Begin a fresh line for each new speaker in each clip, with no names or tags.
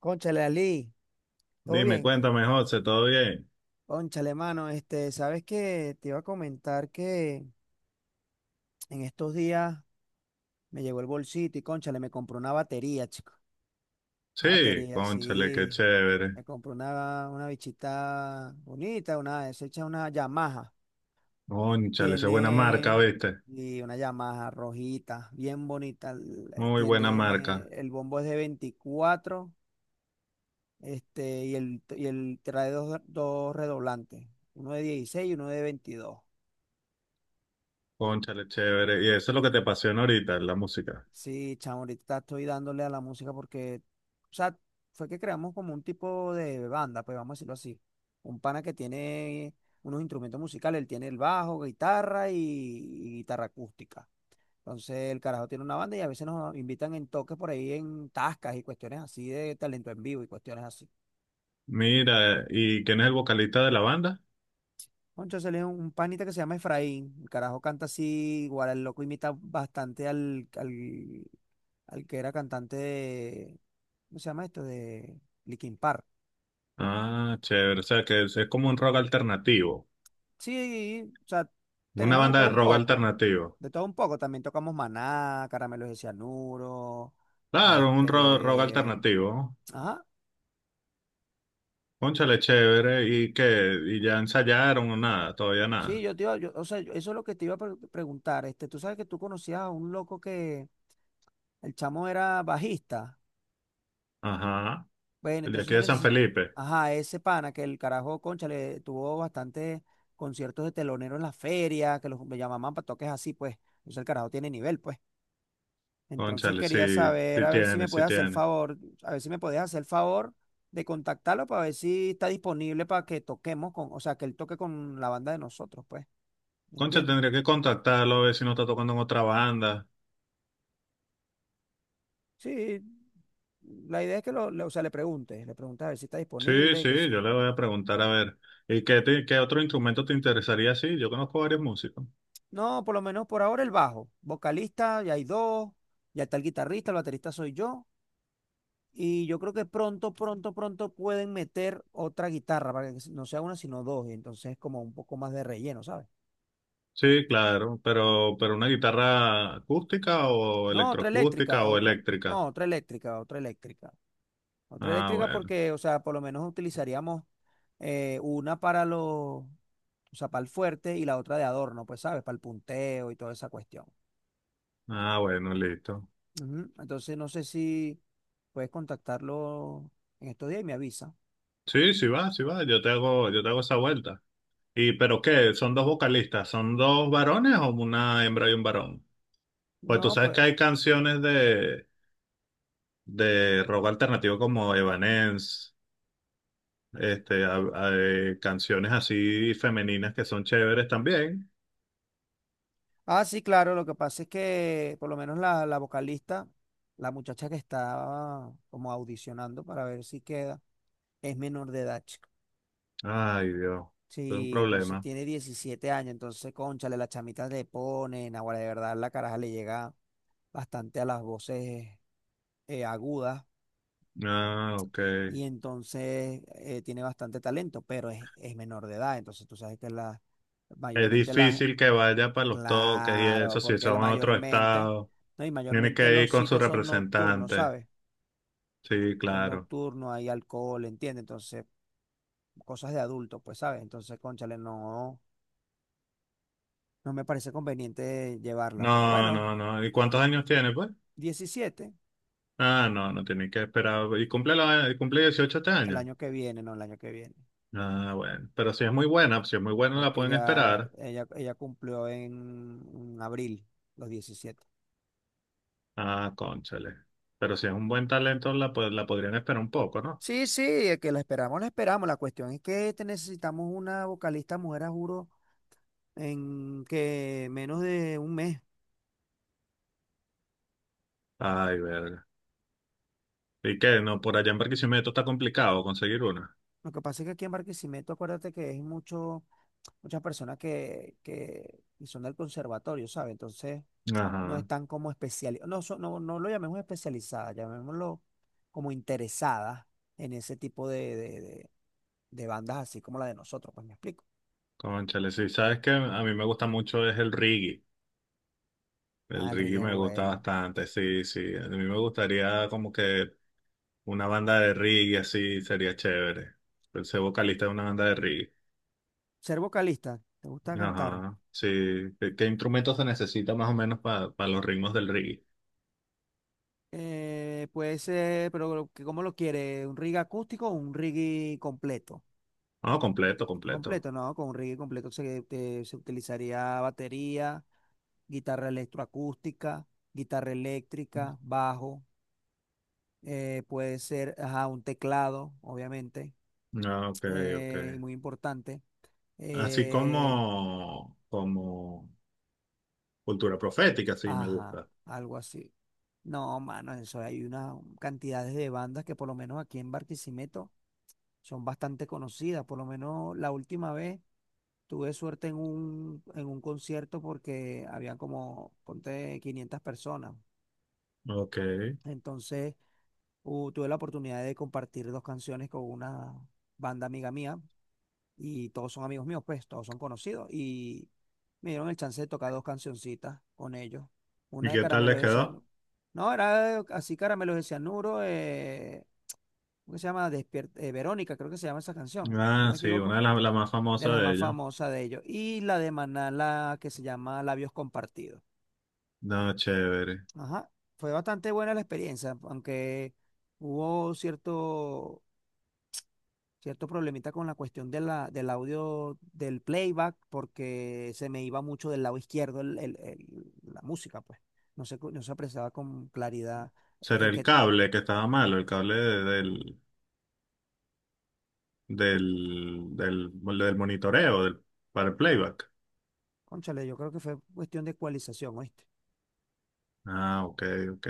Cónchale, Ali, ¿todo
Dime,
bien?
cuéntame, José, ¿todo bien?
Cónchale, mano, ¿sabes qué? Te iba a comentar que en estos días me llegó el bolsito y cónchale, me compró una batería, chico. Una
Sí,
batería,
cónchale, qué
sí.
chévere.
Me compró una bichita bonita, es hecha una Yamaha.
Cónchale, esa es buena marca,
Tiene,
¿viste?
y una Yamaha rojita, bien bonita.
Muy buena
Tiene,
marca.
el bombo es de 24, y el trae dos redoblantes, uno de 16 y uno de 22.
Cónchale, chévere. Y eso es lo que te apasiona ahorita, la música.
Sí, chamo, ahorita estoy dándole a la música porque, o sea, fue que creamos como un tipo de banda, pues vamos a decirlo así. Un pana que tiene unos instrumentos musicales, él tiene el bajo, guitarra y guitarra acústica. Entonces el carajo tiene una banda y a veces nos invitan en toques por ahí en tascas y cuestiones así de talento en vivo y cuestiones así.
Mira, ¿y quién es el vocalista de la banda?
Entonces él es un panita que se llama Efraín. El carajo canta así, igual el loco imita bastante al que era cantante. ¿Cómo se llama esto? De Linkin Park.
Ah, chévere. O sea, que es como un rock alternativo.
Sí, o sea,
Una
tenemos de
banda
todo
de
un
rock
poco.
alternativo.
De todo un poco. También tocamos Maná, Caramelos de Cianuro.
Claro, un rock
Este.
alternativo.
Ajá.
Cónchale, chévere. ¿Y qué? ¿Y ya ensayaron o nada? Todavía
Sí,
nada.
yo te iba, yo, o sea, eso es lo que te iba a preguntar. Tú sabes que tú conocías a un loco que el chamo era bajista.
Ajá.
Bueno,
El de
entonces
aquí
yo
de San
necesito.
Felipe.
Ajá, ese pana que el carajo, concha, le tuvo bastantes conciertos de telonero en la feria, que los me llamaban para toques así, pues. Entonces el carajo tiene nivel, pues. Entonces
Cónchale,
quería
sí,
saber,
sí
a ver si
tiene,
me
sí
puedes hacer el
tiene.
favor, a ver si me puedes hacer el favor de contactarlo para ver si está disponible para que toquemos con, o sea, que él toque con la banda de nosotros, pues, ¿me
Concha,
entiendes?
tendría que contactarlo a ver si no está tocando en otra banda.
Sí, la idea es que o sea, le preguntes a ver si está
Sí,
disponible,
sí,
que
yo
si...
le voy a preguntar a ver. ¿Y qué, qué otro instrumento te interesaría? Sí, yo conozco varios músicos.
No, por lo menos por ahora el bajo, vocalista, ya hay dos, ya está el guitarrista, el baterista soy yo, y yo creo que pronto pueden meter otra guitarra, para que no sea una, sino dos, y entonces como un poco más de relleno, ¿sabes?
Sí, claro, pero una guitarra acústica o
No, otra eléctrica,
electroacústica o
otra.
eléctrica.
No, otra eléctrica, otra eléctrica. Otra
Ah,
eléctrica
bueno.
porque, o sea, por lo menos utilizaríamos una para los, o sea, para el fuerte y la otra de adorno, pues, ¿sabes? Para el punteo y toda esa cuestión.
Ah, bueno, listo.
Ujú. Entonces, no sé si puedes contactarlo en estos días y me avisa.
Sí, sí va, sí va. Yo te hago esa vuelta. ¿Y pero qué? ¿Son dos vocalistas? ¿Son dos varones o una hembra y un varón? Pues tú
No,
sabes
pues.
que hay canciones de rock alternativo como Evanescence, este, canciones así femeninas que son chéveres también.
Ah, sí, claro, lo que pasa es que por lo menos la vocalista, la muchacha que está como audicionando para ver si queda, es menor de edad.
Ay, Dios, es un
Sí, entonces
problema.
tiene 17 años, entonces, cónchale, la chamita le ponen, ahora de verdad la caraja le llega bastante a las voces agudas
Ah, ok.
y entonces tiene bastante talento, pero es menor de edad, entonces tú sabes que la,
Es
mayormente las,
difícil que vaya para los toques y
claro,
eso, si
porque la
son en otro
mayormente,
estado.
no, y
Tiene
mayormente
que ir
los
con su
sitios son nocturnos,
representante.
¿sabes?
Sí,
Son
claro.
nocturnos, hay alcohol, ¿entiendes? Entonces, cosas de adulto, pues, ¿sabes? Entonces, cónchale, no, no me parece conveniente llevarla, pero
No,
bueno,
no, no. ¿Y cuántos años tiene, pues?
17
Ah, no, no tiene que esperar. ¿Y cumple, la, cumple 18 este
el
año?
año que viene, no el año que viene,
Ah, bueno. Pero si es muy buena, si es muy buena, la
porque
pueden
ya
esperar.
ella cumplió en abril los 17.
Ah, cónchale. Pero si es un buen talento, la, la podrían esperar un poco, ¿no?
Sí, sí, que la esperamos, la esperamos. La cuestión es que te necesitamos una vocalista mujer, a juro, en que menos de un mes.
Ay, verga. ¿Y qué? No, por allá en Barquisimeto está complicado conseguir una.
Lo que pasa es que aquí en Barquisimeto, acuérdate que hay muchas personas que son del conservatorio, ¿sabes? Entonces, no
Ajá,
están como especializadas, no, no, no lo llamemos especializadas, llamémoslo como interesadas en ese tipo de bandas así como la de nosotros, pues me explico.
cónchale. Sí, sabes que a mí me gusta mucho es el reggae.
Ah,
El
el
reggae
reggae es
me gusta
bueno.
bastante, sí, sí. A mí me gustaría como que una banda de reggae así sería chévere. El ser vocalista de una banda de reggae.
Ser vocalista, ¿te gusta cantar?
Ajá, sí. ¿Qué, qué instrumentos se necesita más o menos para los ritmos del reggae?
Puede ser, pero ¿cómo lo quiere? ¿Un reggae acústico o un reggae completo?
No, completo, completo.
Completo, no, con un reggae completo se utilizaría batería, guitarra electroacústica, guitarra eléctrica, bajo. Puede ser ajá, un teclado, obviamente,
Ah, ok, ok.
y muy importante.
Así
eh,
como, como cultura profética, sí, me
ajá,
gusta.
algo así. No, mano, eso hay unas cantidades de bandas que por lo menos aquí en Barquisimeto son bastante conocidas. Por lo menos la última vez tuve suerte en en un concierto porque había como, ponte, 500 personas.
Ok.
Entonces, tuve la oportunidad de compartir dos canciones con una banda amiga mía y todos son amigos míos, pues todos son conocidos. Y me dieron el chance de tocar dos cancioncitas con ellos.
¿Y
Una de
qué tal
Caramelos
les
de
quedó?
Cianuro. No, era así Caramelos de Cianuro, ¿cómo que se llama? Verónica, creo que se llama esa canción, si no
Ah,
me
sí,
equivoco,
una de las la más
de
famosas
las
de
más
ellos.
famosas de ellos. Y la de Maná, la que se llama Labios Compartidos.
No, chévere.
Ajá, fue bastante buena la experiencia, aunque hubo cierto problemita con la cuestión de del audio del playback, porque se me iba mucho del lado izquierdo la música, pues. No se, no se apreciaba con claridad
Será
en
el
que,
cable que estaba malo, el cable del, del, del monitoreo para el playback.
cónchale, yo creo que fue cuestión de ecualización, ¿oíste?
Ah, ok, ok.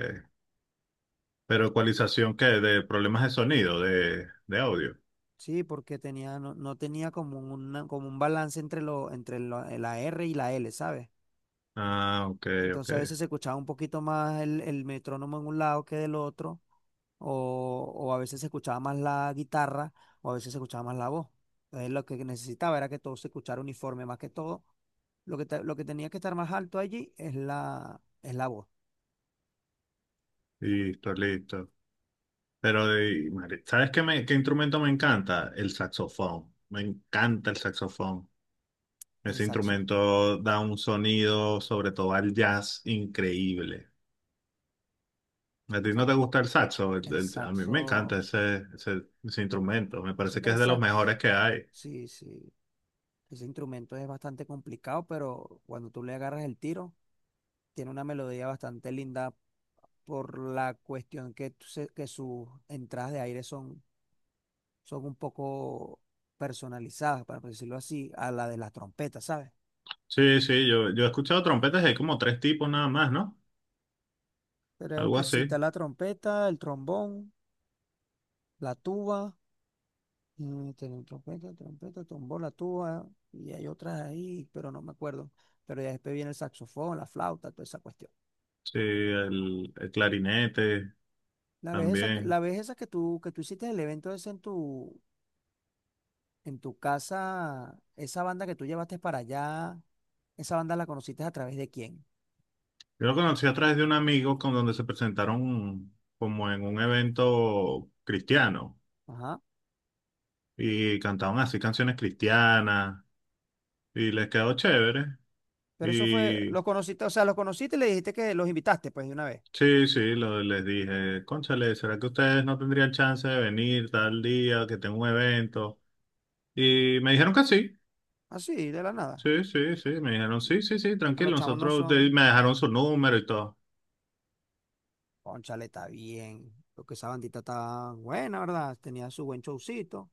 Pero ecualización, ¿qué? De problemas de sonido, de audio.
Sí, porque tenía, no, no tenía como, una, como un balance entre, lo, la R y la L, ¿sabes?
Ah, ok, ok.
Entonces a veces se escuchaba un poquito más el metrónomo en un lado que del otro o a veces se escuchaba más la guitarra o a veces se escuchaba más la voz. Entonces lo que necesitaba era que todo se escuchara uniforme más que todo. Lo que, lo que tenía que estar más alto allí es la voz,
Listo, listo. Pero, madre, ¿sabes qué, qué instrumento me encanta? El saxofón. Me encanta el saxofón.
el
Ese
saxo.
instrumento da un sonido, sobre todo al jazz, increíble. ¿A
El
ti no
sa-
te gusta el saxo?
el
A mí
saxo,
me encanta ese instrumento. Me
no sé
parece
qué
que es
el
de los mejores
sax,
que hay.
sí, sí, ese instrumento es bastante complicado, pero cuando tú le agarras el tiro, tiene una melodía bastante linda por la cuestión que, que sus entradas de aire son son un poco personalizadas, para decirlo así, a la de las trompetas, ¿sabes?
Sí, sí, yo he escuchado trompetas, hay como tres tipos nada más, ¿no?
Creo
Algo
que sí está
así.
la trompeta, el trombón, la tuba, tiene trompeta, trombón, la tuba, y hay otras ahí, pero no me acuerdo. Pero ya después viene el saxofón, la flauta, toda esa cuestión.
Sí, el clarinete
La vez esa,
también.
la vez esa que tú hiciste el evento ese en tu casa, esa banda que tú llevaste para allá, esa banda la conociste ¿a través de quién?
Yo lo conocí a través de un amigo con donde se presentaron como en un evento cristiano
Ajá.
y cantaban así canciones cristianas y les quedó chévere.
Pero eso fue,
Y
los conociste, o sea, los conociste y le dijiste que los invitaste, pues, de una vez.
sí, sí, les dije, cónchale, ¿será que ustedes no tendrían chance de venir tal día que tengo un evento? Y me dijeron que sí,
Así, de la nada.
sí, sí, sí, me dijeron sí, sí, sí,
A los
tranquilo,
chamos no
me
son,
dejaron su número y todo.
cónchale, está bien. Porque esa bandita está buena, ¿verdad? Tenía su buen showcito.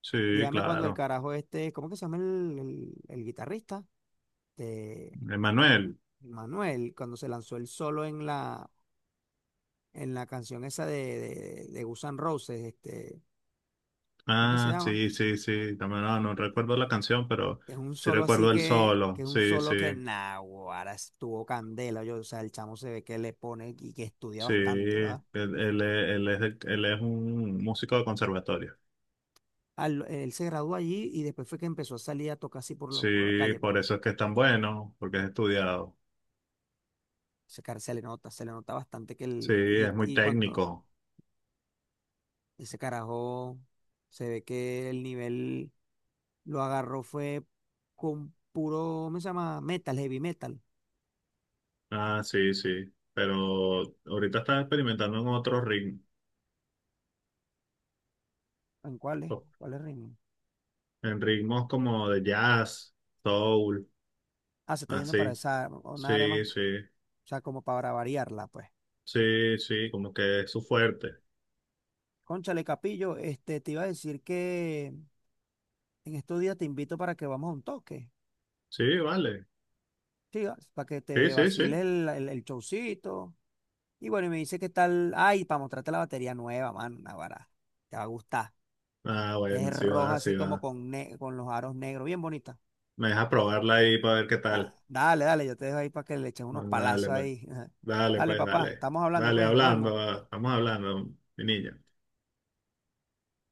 Sí,
Dígame cuando el
claro.
carajo este, ¿cómo que se llama el guitarrista? De
Emanuel.
Manuel, cuando se lanzó el solo en la canción esa de Guns N' Roses, ¿cómo que se
Ah,
llama?
sí, sí, sí. También, no, no recuerdo la canción, pero
Es un
sí
solo así
recuerdo el
que
solo.
es un
Sí, sí,
solo que nah, ahora estuvo candela. Yo, o sea, el chamo se ve que le pone y que estudia
sí.
bastante,
Él,
¿va?
él, es- él es, de- él es un músico de conservatorio.
Él se graduó allí y después fue que empezó a salir a tocar así por, por la
Sí,
calle, pero
por eso es que es tan bueno, porque es estudiado.
ese cara se le nota bastante que
Sí,
el,
es muy
y cuanto
técnico.
ese carajo se ve que el nivel lo agarró fue con puro, ¿cómo se llama? Metal, heavy metal.
Ah, sí, sí. Pero ahorita está experimentando en otros ritmos,
¿En cuáles? ¿Cuáles ritmos?
en ritmos como de jazz, soul,
Ah, se está yendo para
así.
esa, una área más,
Sí,
o
sí,
sea, como para variarla, pues.
sí, sí, como que es su fuerte.
Cónchale, Capillo, te iba a decir que en estos días te invito para que vamos a un toque,
Sí, vale.
¿sí? Para que
Sí,
te
sí, sí.
vacile el showcito. Y bueno, y me dice qué tal, ay, para mostrarte la batería nueva, man, Naguará, te va a gustar.
Ah, bueno,
Es
sí
roja
va, sí
así como
va.
con, con los aros negros, bien bonita.
Me deja probarla ahí para ver qué
Da-
tal.
dale, dale, yo te dejo ahí para que le eches unos
Dale,
palazos
pues.
ahí.
Dale,
Dale,
pues,
papá,
dale.
estamos hablando,
Dale,
pues, nos
hablando.
vemos.
Va. Estamos hablando, mi niño.